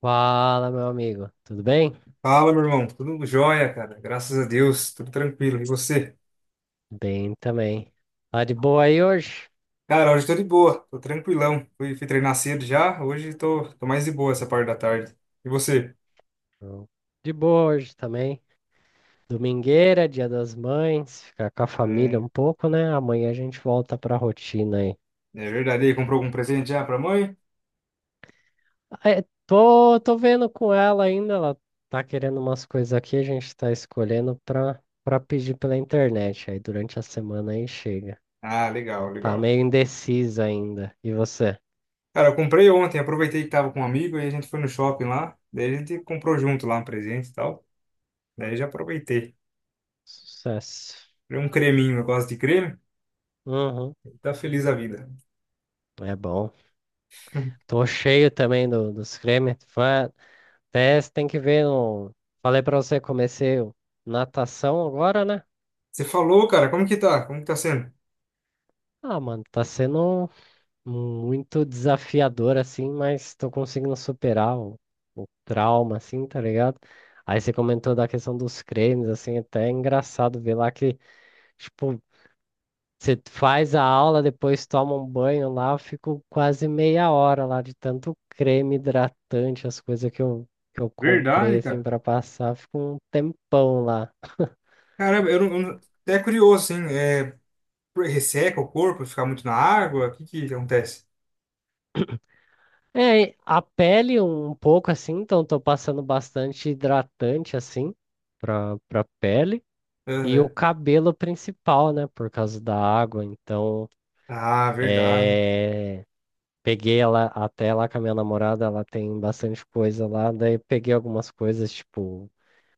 Fala, meu amigo. Tudo bem? Fala, meu irmão. Tudo jóia, cara. Graças a Deus. Tudo tranquilo. E você? Bem também. Tá de boa aí hoje? Cara, hoje eu tô de boa. Tô tranquilão. Fui treinar cedo já. Hoje tô mais de boa essa parte da tarde. E você? Tô de boa hoje também. Domingueira, Dia das Mães, ficar com a família Hum, um pouco, né? Amanhã a gente volta pra rotina aí. é verdade. E aí, comprou algum presente já pra mãe? Ah, tô vendo com ela ainda, ela tá querendo umas coisas aqui, a gente tá escolhendo pra pedir pela internet. Aí durante a semana aí chega. Ah, Ela legal, tá legal. meio indecisa ainda. E você? Cara, eu comprei ontem. Aproveitei que tava com um amigo e a gente foi no shopping lá. Daí a gente comprou junto lá um presente e tal. Daí já aproveitei. Sucesso. Comprei um creminho. Eu gosto de creme. Uhum. Tá feliz a vida. É bom. Tô cheio também dos cremes. Até você tem que ver. Falei pra você, comecei o- natação agora, né? Você falou, cara. Como que tá? Como que tá sendo? Ah, mano, tá sendo muito desafiador, assim, mas tô conseguindo superar o trauma, assim, tá ligado? Aí você comentou da questão dos cremes, assim, até é engraçado ver lá que, tipo, você faz a aula, depois toma um banho lá, eu fico quase meia hora lá de tanto creme hidratante, as coisas que eu comprei Verdade, assim cara. para passar, eu fico um tempão lá. Caramba, eu não- até curioso, hein? É, resseca o corpo, fica muito na água? O que que acontece? É, e a pele um pouco assim, então tô passando bastante hidratante assim pra pele. E o Aham. cabelo principal, né, por causa da água, então Ah, verdade. é, peguei ela até lá com a minha namorada, ela tem bastante coisa lá, daí peguei algumas coisas, tipo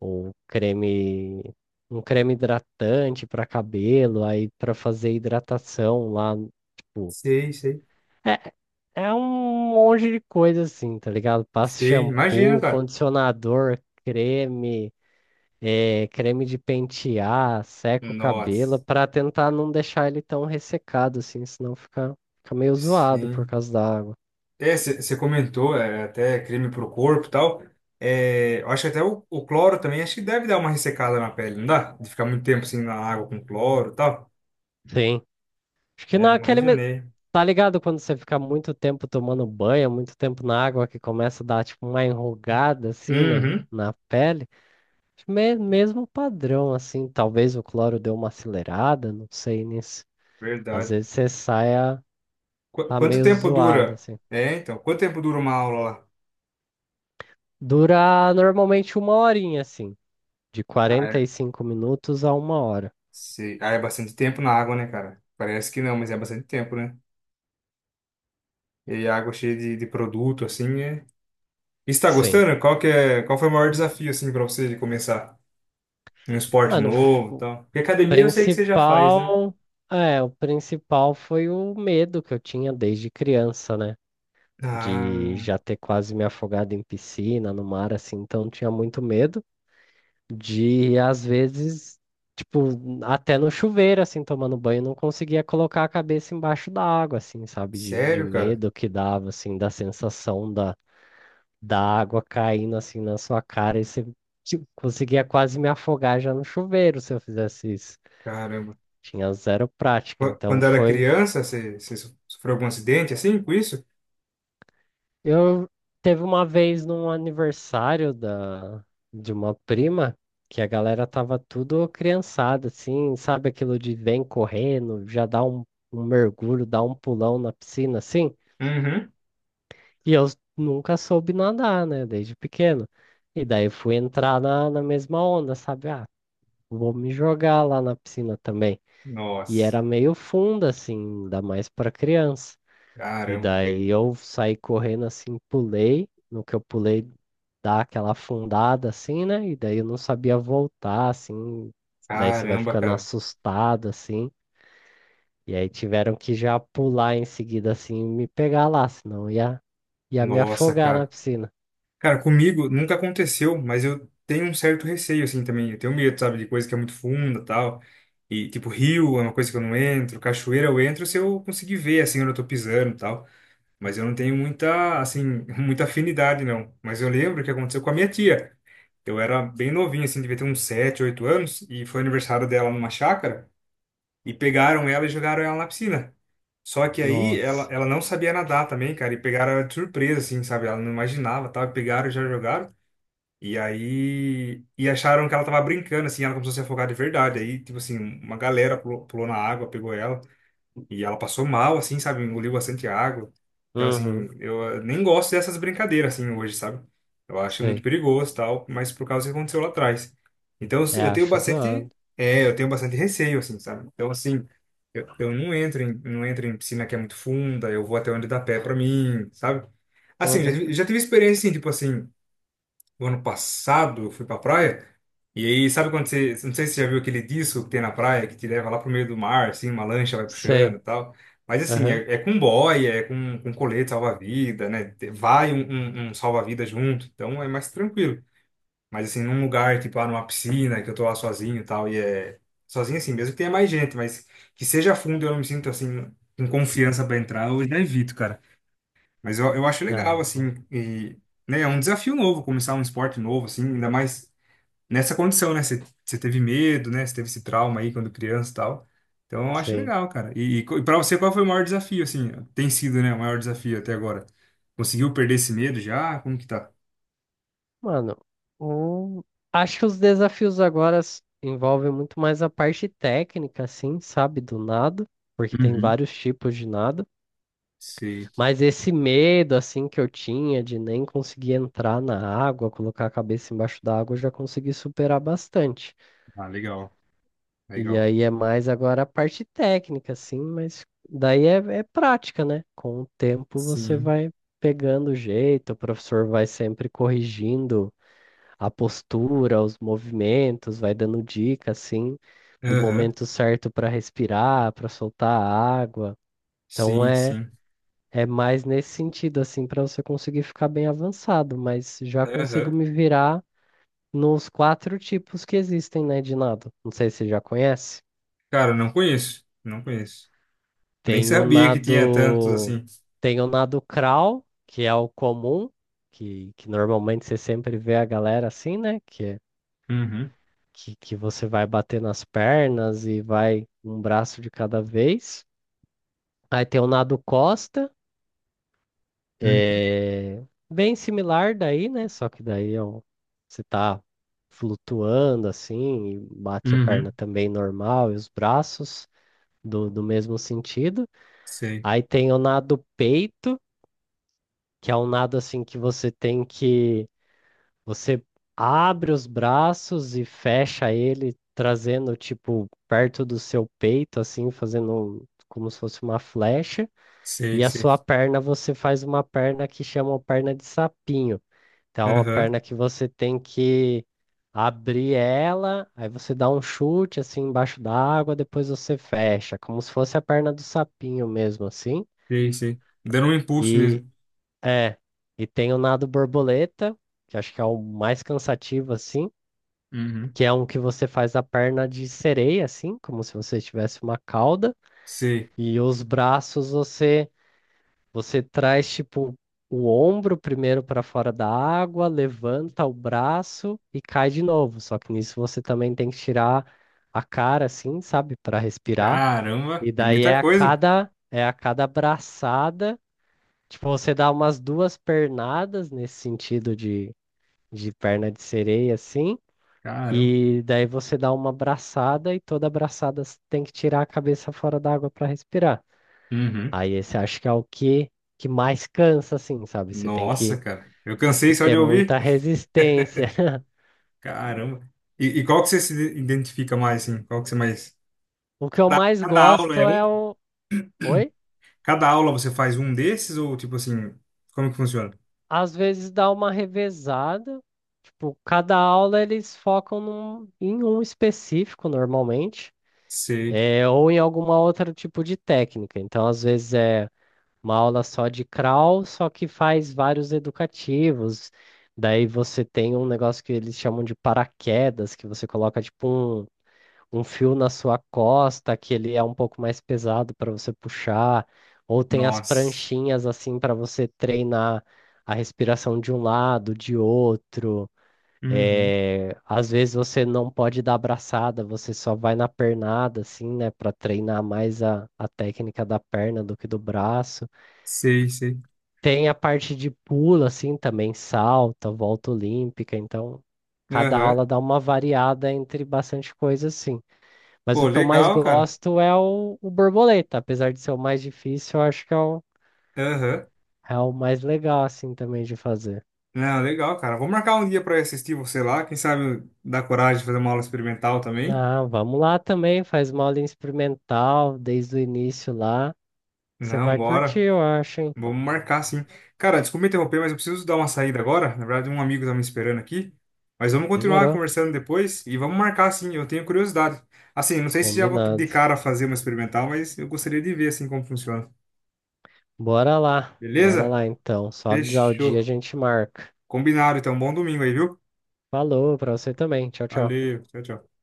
ou creme, um creme hidratante para cabelo, aí para fazer hidratação lá, tipo, Sei, sei. é, é um monte de coisa assim, tá ligado? Passa Sei, imagino, shampoo, cara. condicionador, creme, é, creme de pentear, seca o cabelo, Nossa, para tentar não deixar ele tão ressecado assim, senão fica, fica meio zoado por sim. causa da água. É, você comentou, é, até creme pro corpo e tal. É, eu acho que até o cloro também, acho que deve dar uma ressecada na pele, não dá? De ficar muito tempo assim na água com cloro e tal. Sim. Acho que É, naquele. Imaginei. Tá ligado quando você fica muito tempo tomando banho, muito tempo na água, que começa a dar tipo uma enrugada assim Uhum, na pele? Mesmo padrão, assim. Talvez o cloro deu uma acelerada, não sei nisso. Às verdade. vezes você saia tá Quanto meio tempo zoado, dura? assim. É, então, quanto tempo dura uma aula Dura normalmente uma horinha, assim. De quarenta lá? e cinco minutos a uma hora. Sei. Ah, é bastante tempo na água, né, cara? Parece que não, mas é bastante tempo, né? E a água cheia de produto, assim, é... E você tá Sim. gostando? Qual que é, qual foi o maior desafio, assim, pra você de começar? Um esporte Mano, novo e o tal? Porque academia eu sei que você já faz, né? principal. É, o principal foi o medo que eu tinha desde criança, né? De Ah, já ter quase me afogado em piscina, no mar, assim, então tinha muito medo de, às vezes, tipo, até no chuveiro, assim, tomando banho, não conseguia colocar a cabeça embaixo da água, assim, sabe? De sério, cara? medo que dava, assim, da sensação da água caindo, assim, na sua cara, e você, tipo, conseguia quase me afogar já no chuveiro se eu fizesse isso. Caramba. Tinha zero prática, então Quando era foi. criança, você sofreu algum acidente, assim, com isso? Eu teve uma vez num aniversário de uma prima que a galera tava tudo criançada, assim, sabe aquilo de vem correndo, um mergulho, dá um pulão na piscina, assim. Uhum. E eu nunca soube nadar, né, desde pequeno. E daí fui entrar na mesma onda, sabe? Ah, vou me jogar lá na piscina também. E Nossa. era meio funda, assim, ainda mais pra criança. E Caramba. daí eu saí correndo assim, pulei. No que eu pulei, dá aquela afundada assim, né? E daí eu não sabia voltar, assim. Daí você vai Caramba, ficando cara. assustado, assim. E aí tiveram que já pular em seguida, assim, e me pegar lá, senão ia me Nossa, afogar na cara. piscina. Cara, comigo nunca aconteceu, mas eu tenho um certo receio, assim, também. Eu tenho medo, sabe, de coisa que é muito funda, tal. E, tipo, rio é uma coisa que eu não entro, cachoeira eu entro se eu conseguir ver, assim, onde eu tô pisando, tal. Mas eu não tenho muita, assim, muita afinidade, não. Mas eu lembro que aconteceu com a minha tia. Eu era bem novinho, assim, devia ter uns 7 8 anos, e foi aniversário dela numa chácara, e pegaram ela e jogaram ela na piscina. Só que aí ela, Nossa. ela não sabia nadar também, cara, e pegaram ela de surpresa, assim, sabe? Ela não imaginava, tá? Pegaram e já jogaram. E aí, e acharam que ela tava brincando, assim, ela começou a se afogar de verdade. Aí, tipo assim, uma galera pulou, pulou na água, pegou ela, e ela passou mal, assim, sabe? Engoliu bastante água. Então, assim, Uhum. Nem gosto dessas brincadeiras, assim, hoje, sabe? Eu acho muito Sei. perigoso, tal, mas por causa do que aconteceu lá atrás. Então, É, eu tenho acho bastante, zoado. é, eu tenho bastante receio, assim, sabe? Então, assim, eu não entro em, não entro em piscina que é muito funda, eu vou até onde dá pé pra mim, sabe? Assim, eu Uhum. Já tive experiência, assim, tipo assim o ano passado eu fui pra praia. E aí, sabe quando você. Não sei se você já viu aquele disco que tem na praia que te leva lá pro meio do mar, assim, uma lancha vai puxando Sei. e tal. Mas assim, Aham. é, é com boia, é com colete salva-vida, né? Vai um, um salva-vida junto, então é mais tranquilo. Mas assim, num lugar, tipo lá numa piscina, que eu tô lá sozinho e tal, e é. Sozinho assim, mesmo que tenha mais gente, mas que seja fundo e eu não me sinto assim, com confiança pra entrar, eu já evito, cara. Mas eu acho Ah, legal, é bom. assim, e, né, é um desafio novo, começar um esporte novo, assim, ainda mais nessa condição, né? Você teve medo, né? Você teve esse trauma aí quando criança e tal. Então eu acho Sim. legal, cara. E pra você, qual foi o maior desafio, assim? Tem sido, né, o maior desafio até agora? Conseguiu perder esse medo já? Como que tá? Mano, o- acho que os desafios agora envolvem muito mais a parte técnica, assim, sabe, do nado, porque tem Uhum. vários tipos de nado, Sei. mas esse medo, assim, que eu tinha de nem conseguir entrar na água, colocar a cabeça embaixo da água, eu já consegui superar bastante. Ah, legal, E legal. aí é mais agora a parte técnica, assim, mas daí é prática, né? Com o tempo você Sim. vai pegando o jeito, o professor vai sempre corrigindo a postura, os movimentos, vai dando dica assim do Aham. momento certo para respirar, para soltar a água. Então Sim, é sim. é mais nesse sentido assim para você conseguir ficar bem avançado, mas já consigo Aham. me virar nos quatro tipos que existem, né, de nado. Não sei se você já conhece. Cara, não conheço, não conheço. Nem Tem o sabia que tinha tantos nado assim. Tem o nado crawl, que é o comum, que normalmente você sempre vê a galera assim, né? Uhum. Que você vai bater nas pernas e vai um braço de cada vez. Aí tem o nado costa, é bem similar daí, né? Só que daí é você tá flutuando assim, e bate a perna Uhum. também normal e os braços do mesmo sentido. Sei, Aí tem o nado peito, que é um nado assim que você tem que Você abre os braços e fecha ele, trazendo tipo perto do seu peito, assim, fazendo como se fosse uma flecha. sei, E a sei. sua perna, você faz uma perna que chamam perna de sapinho. Então, é uma Aham, perna que você tem que abrir ela, aí você dá um chute assim embaixo da água, depois você fecha, como se fosse a perna do sapinho mesmo, assim. sei, sei. Dando um impulso E mesmo. é, e tem o nado borboleta, que acho que é o mais cansativo assim Uhum, que é um que você faz a perna de sereia, assim, como se você tivesse uma cauda, sei. e os braços você traz tipo o ombro primeiro para fora da água, levanta o braço e cai de novo. Só que nisso você também tem que tirar a cara, assim, sabe, para respirar. Caramba, E é daí muita coisa. É a cada braçada, tipo você dá umas duas pernadas nesse sentido de perna de sereia, assim. Caramba. E daí você dá uma abraçada e toda abraçada você tem que tirar a cabeça fora da água para respirar. Uhum. Aí esse acho que é que mais cansa, assim, sabe? Nossa, cara. Eu Que cansei só ter de ouvir. muita resistência. Caramba. E qual que você se identifica mais, assim? Qual que você mais... O que eu mais Cada aula é gosto um? é o. Oi? Cada aula você faz um desses ou, tipo assim, como que funciona? Às vezes dá uma revezada. Tipo, cada aula eles focam em um específico, normalmente. Sei. É, ou em alguma outra tipo de técnica. Então, às vezes é uma aula só de crawl, só que faz vários educativos. Daí você tem um negócio que eles chamam de paraquedas, que você coloca tipo um fio na sua costa, que ele é um pouco mais pesado para você puxar, ou tem as Nossa. pranchinhas assim para você treinar a respiração de um lado, de outro. Uhum. É, às vezes você não pode dar abraçada, você só vai na pernada, assim, né, para treinar mais a técnica da perna do que do braço. Sei, sei. Tem a parte de pula, assim, também salta, volta olímpica, então cada Aham. aula dá uma variada entre bastante coisa, assim. Mas Pô, o que eu mais legal, cara. gosto é o borboleta, apesar de ser o mais difícil, eu acho que é Aham. é o mais legal, assim, também de fazer. Não, legal, cara. Vou marcar um dia pra eu assistir você lá. Quem sabe dá coragem de fazer uma aula experimental também. Não, vamos lá também, faz uma aula experimental desde o início lá. Você Não, vai curtir, bora. eu acho, hein? Vamos marcar, sim. Cara, desculpa interromper, mas eu preciso dar uma saída agora. Na verdade, um amigo tá me esperando aqui. Mas vamos continuar Demorou, conversando depois e vamos marcar, sim. Eu tenho curiosidade. Assim, não sei se já vou de combinado. cara fazer uma experimental, mas eu gostaria de ver, assim, como funciona. Bora Beleza? lá então. Só avisar o dia a Fechou. gente marca. Combinado, então. Bom domingo aí, viu? Falou pra você também. Tchau, tchau. Valeu. Tchau, tchau.